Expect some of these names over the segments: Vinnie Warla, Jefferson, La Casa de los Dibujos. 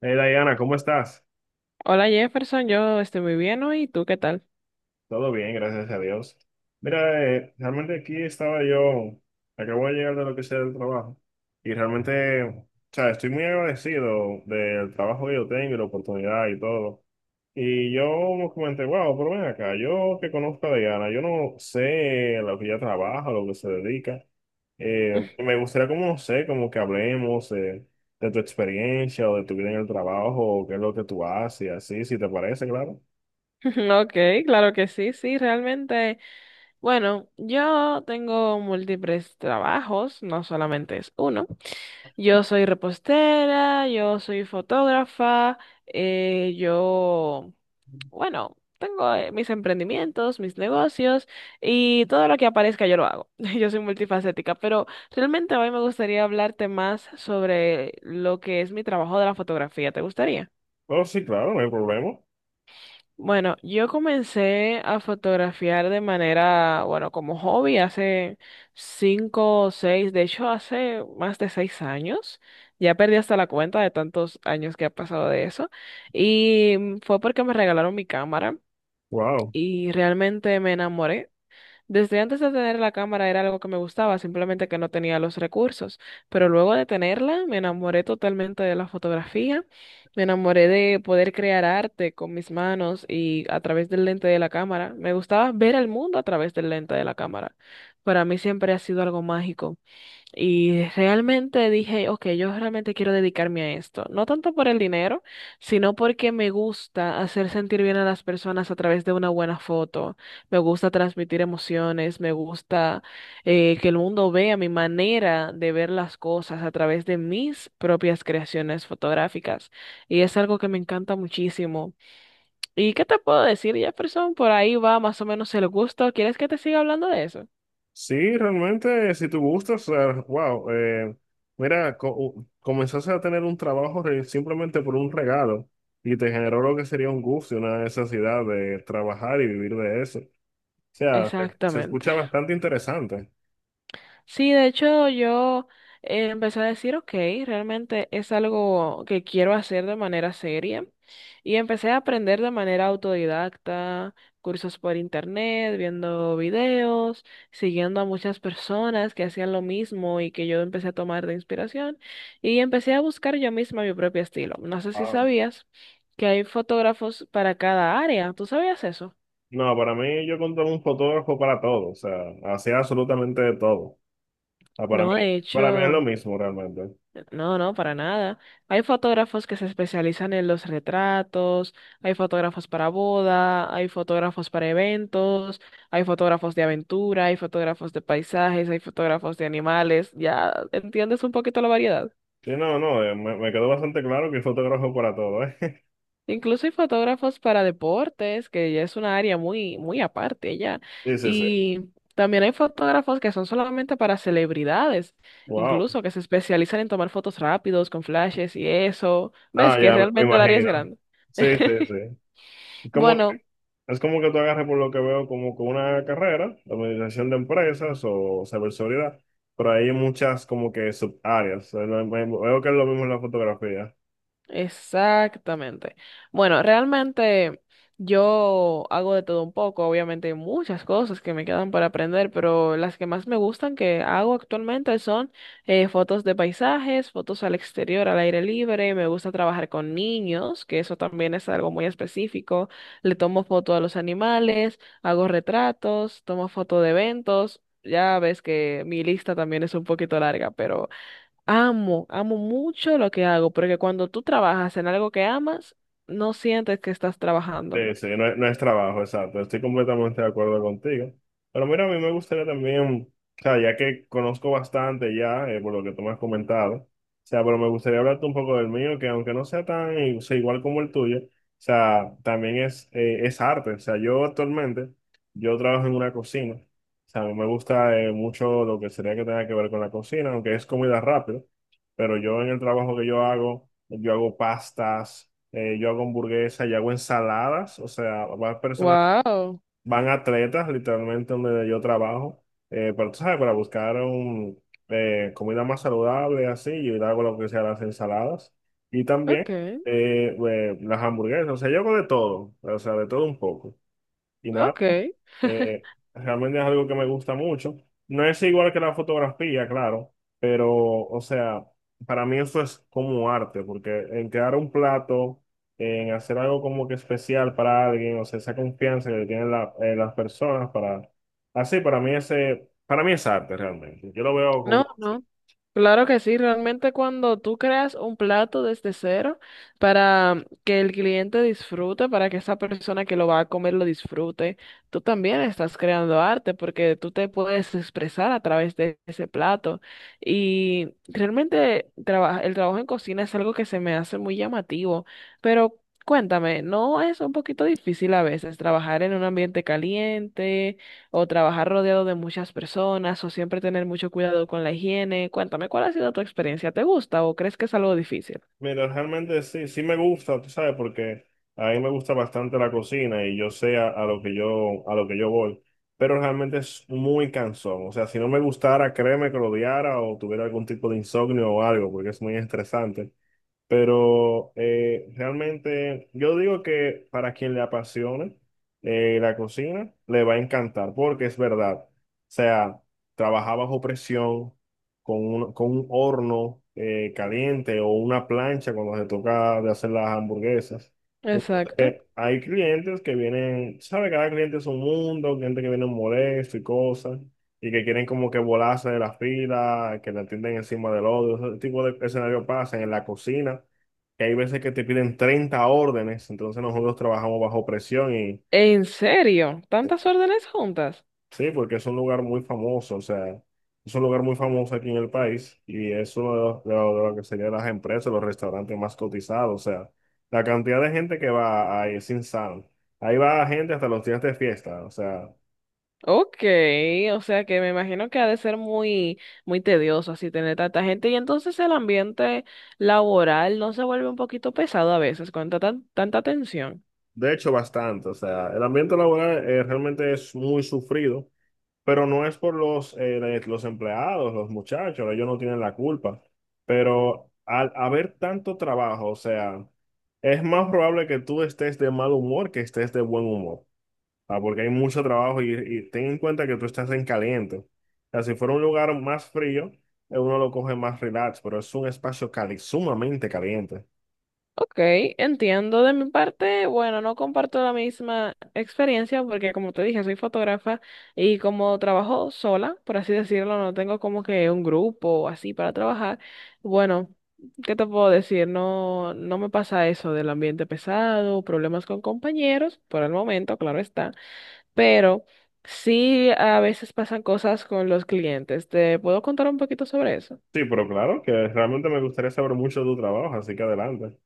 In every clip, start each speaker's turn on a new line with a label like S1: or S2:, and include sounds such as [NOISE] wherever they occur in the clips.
S1: Hey Diana, ¿cómo estás?
S2: Hola Jefferson, yo estoy muy bien hoy, ¿y tú qué tal?
S1: Todo bien, gracias a Dios. Mira, realmente aquí estaba yo, acabo de llegar de lo que sea del trabajo y realmente, o sea, estoy muy agradecido del trabajo que yo tengo y la oportunidad y todo. Y yo me comenté, wow, pero ven acá, yo que conozco a Diana, yo no sé lo que ella trabaja, lo que se dedica. Me gustaría como, no sé, como que hablemos de tu experiencia o de tu vida en el trabajo o qué es lo que tú haces, así, si te parece, claro.
S2: [LAUGHS] Ok, claro que sí, sí, realmente. Bueno, yo tengo múltiples trabajos, no solamente es uno. Yo soy repostera, yo soy fotógrafa, yo, bueno, tengo mis emprendimientos, mis negocios y todo lo que aparezca yo lo hago. [LAUGHS] Yo soy multifacética, pero realmente hoy me gustaría hablarte más sobre lo que es mi trabajo de la fotografía. ¿Te gustaría?
S1: Oh, sí, claro, no hay problema.
S2: Bueno, yo comencé a fotografiar de manera, bueno, como hobby hace 5 o 6, de hecho hace más de 6 años. Ya perdí hasta la cuenta de tantos años que ha pasado de eso. Y fue porque me regalaron mi cámara
S1: Wow.
S2: y realmente me enamoré desde antes de tener la cámara era algo que me gustaba, simplemente que no tenía los recursos. Pero luego de tenerla, me enamoré totalmente de la fotografía, me enamoré de poder crear arte con mis manos y a través del lente de la cámara. Me gustaba ver el mundo a través del lente de la cámara. Para mí siempre ha sido algo mágico. Y realmente dije, ok, yo realmente quiero dedicarme a esto. No tanto por el dinero, sino porque me gusta hacer sentir bien a las personas a través de una buena foto. Me gusta transmitir emociones, me gusta que el mundo vea mi manera de ver las cosas a través de mis propias creaciones fotográficas. Y es algo que me encanta muchísimo. ¿Y qué te puedo decir, Jefferson? Por ahí va más o menos el gusto. ¿Quieres que te siga hablando de eso?
S1: Sí, realmente, si tú gustas, o sea, wow, mira, comenzaste a tener un trabajo simplemente por un regalo y te generó lo que sería un gusto y una necesidad de trabajar y vivir de eso. O sea, se
S2: Exactamente.
S1: escucha bastante interesante.
S2: Sí, de hecho yo empecé a decir, ok, realmente es algo que quiero hacer de manera seria y empecé a aprender de manera autodidacta, cursos por internet, viendo videos, siguiendo a muchas personas que hacían lo mismo y que yo empecé a tomar de inspiración y empecé a buscar yo misma mi propio estilo. No sé si
S1: Ah,
S2: sabías que hay fotógrafos para cada área, ¿tú sabías eso?
S1: no, para mí yo contraté un fotógrafo para todo, o sea, hacía absolutamente de todo. Ah,
S2: No, de
S1: para mí es lo
S2: hecho...
S1: mismo realmente.
S2: No, no, para nada. Hay fotógrafos que se especializan en los retratos, hay fotógrafos para boda, hay fotógrafos para eventos, hay fotógrafos de aventura, hay fotógrafos de paisajes, hay fotógrafos de animales. Ya entiendes un poquito la variedad.
S1: Sí, no, no, me quedó bastante claro que es fotógrafo para todo, ¿eh?
S2: Incluso hay fotógrafos para deportes, que ya es una área muy, muy aparte ya.
S1: [LAUGHS] Sí, sí, sí.
S2: Y también hay fotógrafos que son solamente para celebridades,
S1: Wow.
S2: incluso que se especializan en tomar fotos rápidos con flashes y eso. ¿Ves
S1: Ah,
S2: que
S1: me
S2: realmente el área es
S1: imagino.
S2: grande?
S1: Sí, sí, sí. Es como, que-
S2: Bueno,
S1: es como que tú agarres por lo que veo como con una carrera, administración de empresas o ciberseguridad, pero hay muchas como que subáreas. O sea, veo que es lo mismo en la fotografía.
S2: exactamente. Bueno, realmente yo hago de todo un poco, obviamente hay muchas cosas que me quedan para aprender, pero las que más me gustan que hago actualmente son fotos de paisajes, fotos al exterior, al aire libre, me gusta trabajar con niños, que eso también es algo muy específico, le tomo foto a los animales, hago retratos, tomo foto de eventos, ya ves que mi lista también es un poquito larga, pero... Amo, amo mucho lo que hago, porque cuando tú trabajas en algo que amas, no sientes que estás trabajando.
S1: Sí, sí, no es, no es trabajo, exacto. Estoy completamente de acuerdo contigo. Pero mira, a mí me gustaría también, o sea, ya que conozco bastante ya, por lo que tú me has comentado, o sea, pero me gustaría hablarte un poco del mío, que aunque no sea tan, o sea, igual como el tuyo, o sea, también es arte. O sea, yo actualmente, yo trabajo en una cocina. O sea, a mí me gusta mucho lo que sería que tenga que ver con la cocina, aunque es comida rápida, pero yo en el trabajo que yo hago pastas, yo hago hamburguesas, yo hago ensaladas, o sea, van personas,
S2: Wow,
S1: van atletas literalmente donde yo trabajo, pero tú sabes, para buscar comida más saludable, así, yo hago lo que sea las ensaladas y también
S2: okay,
S1: las hamburguesas, o sea, yo hago de todo, o sea, de todo un poco. Y nada,
S2: okay.
S1: realmente es algo que me gusta mucho. No es igual que la fotografía, claro, pero, o sea, para mí eso es como arte, porque en crear un plato, en hacer algo como que especial para alguien, o sea, esa confianza que tienen las personas para... Así, para mí es arte realmente. Yo lo veo
S2: No,
S1: como así.
S2: no. Claro que sí, realmente cuando tú creas un plato desde cero para que el cliente disfrute, para que esa persona que lo va a comer lo disfrute, tú también estás creando arte porque tú te puedes expresar a través de ese plato. Y realmente el trabajo en cocina es algo que se me hace muy llamativo, pero cuéntame, ¿no es un poquito difícil a veces trabajar en un ambiente caliente? ¿O trabajar rodeado de muchas personas o siempre tener mucho cuidado con la higiene? Cuéntame, ¿cuál ha sido tu experiencia? ¿Te gusta o crees que es algo difícil?
S1: Mira, realmente sí, sí me gusta, tú sabes, porque a mí me gusta bastante la cocina y yo sé a lo que yo, a lo que yo voy, pero realmente es muy cansón. O sea, si no me gustara, créeme que lo odiara o tuviera algún tipo de insomnio o algo, porque es muy estresante. Pero realmente yo digo que para quien le apasione la cocina, le va a encantar, porque es verdad. O sea, trabajar bajo presión, con con un horno caliente o una plancha cuando se toca de hacer las hamburguesas. Entonces,
S2: Exacto.
S1: hay clientes que vienen, sabe, cada cliente es un mundo, gente que viene molesto y cosas y que quieren como que volarse de la fila, que te atienden encima del otro. Ese tipo de escenario pasa en la cocina, que hay veces que te piden 30 órdenes, entonces nosotros trabajamos bajo presión y
S2: ¿En serio? ¿Tantas órdenes juntas?
S1: sí, porque es un lugar muy famoso, o sea, es un lugar muy famoso aquí en el país y es uno de lo que serían las empresas, los restaurantes más cotizados, o sea, la cantidad de gente que va ahí es insano. Ahí va gente hasta los días de fiesta, o sea,
S2: Ok, o sea que me imagino que ha de ser muy, muy tedioso así tener tanta gente y entonces el ambiente laboral no se vuelve un poquito pesado a veces con tanta, tanta tensión.
S1: de hecho bastante, o sea, el ambiente laboral realmente es muy sufrido. Pero no es por los empleados, los muchachos, ellos no tienen la culpa. Pero al haber tanto trabajo, o sea, es más probable que tú estés de mal humor que estés de buen humor. Porque hay mucho trabajo y ten en cuenta que tú estás en caliente. O sea, si fuera un lugar más frío, uno lo coge más relax, pero es un espacio cali sumamente caliente.
S2: Ok, entiendo de mi parte. Bueno, no comparto la misma experiencia porque como te dije, soy fotógrafa y como trabajo sola, por así decirlo, no tengo como que un grupo o así para trabajar. Bueno, ¿qué te puedo decir? No, no me pasa eso del ambiente pesado, problemas con compañeros, por el momento, claro está, pero sí a veces pasan cosas con los clientes. ¿Te puedo contar un poquito sobre eso?
S1: Sí, pero claro que realmente me gustaría saber mucho de tu trabajo, así que adelante.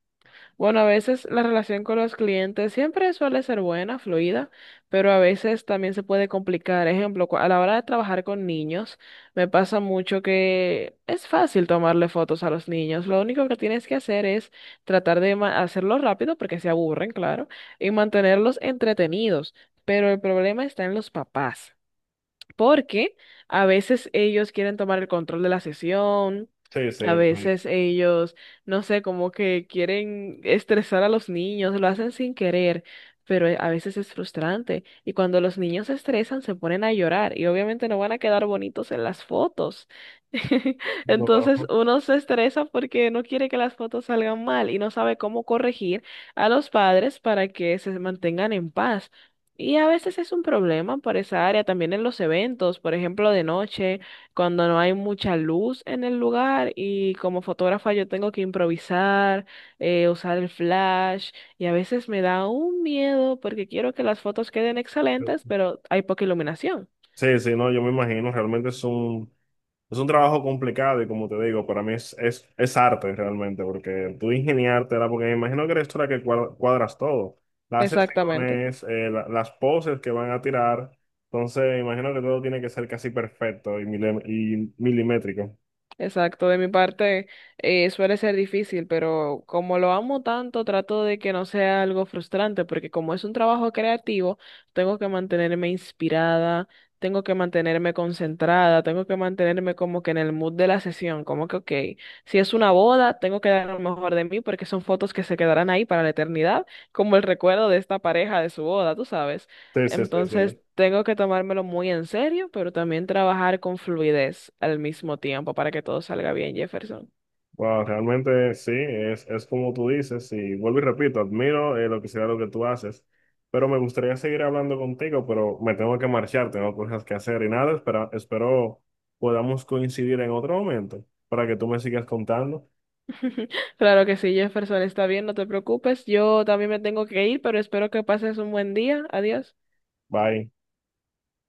S2: Bueno, a veces la relación con los clientes siempre suele ser buena, fluida, pero a veces también se puede complicar. Ejemplo, a la hora de trabajar con niños, me pasa mucho que es fácil tomarle fotos a los niños. Lo único que tienes que hacer es tratar de hacerlo rápido porque se aburren, claro, y mantenerlos entretenidos. Pero el problema está en los papás porque a veces ellos quieren tomar el control de la sesión,
S1: Sí, sí.
S2: a veces ellos, no sé, como que quieren estresar a los niños, lo hacen sin querer, pero a veces es frustrante. Y cuando los niños se estresan, se ponen a llorar y obviamente no van a quedar bonitos en las fotos. [LAUGHS] Entonces
S1: Trabajo.
S2: uno se estresa porque no quiere que las fotos salgan mal y no sabe cómo corregir a los padres para que se mantengan en paz. Y a veces es un problema para esa área, también en los eventos, por ejemplo, de noche, cuando no hay mucha luz en el lugar y como fotógrafa yo tengo que improvisar, usar el flash y a veces me da un miedo porque quiero que las fotos queden excelentes, pero hay poca iluminación.
S1: Sí, sí, no, yo me imagino, realmente es un trabajo complicado y como te digo, para mí es arte realmente, porque tú ingeniártela, porque me imagino que eres tú la que cuadras todo, las
S2: Exactamente.
S1: sesiones, las poses que van a tirar, entonces me imagino que todo tiene que ser casi perfecto y, y milimétrico.
S2: Exacto, de mi parte suele ser difícil, pero como lo amo tanto, trato de que no sea algo frustrante, porque como es un trabajo creativo, tengo que mantenerme inspirada, tengo que mantenerme concentrada, tengo que mantenerme como que en el mood de la sesión, como que, ok, si es una boda, tengo que dar lo mejor de mí porque son fotos que se quedarán ahí para la eternidad, como el recuerdo de esta pareja de su boda, tú sabes.
S1: Sí, sí, sí,
S2: Entonces,
S1: sí.
S2: tengo que tomármelo muy en serio, pero también trabajar con fluidez al mismo tiempo para que todo salga bien, Jefferson.
S1: Wow, realmente sí, es como tú dices, y vuelvo y repito, admiro lo que sea lo que tú haces, pero me gustaría seguir hablando contigo, pero me tengo que marchar, tengo cosas que hacer y nada, espera, espero podamos coincidir en otro momento para que tú me sigas contando.
S2: Claro que sí, Jefferson, está bien, no te preocupes. Yo también me tengo que ir, pero espero que pases un buen día. Adiós.
S1: Bye.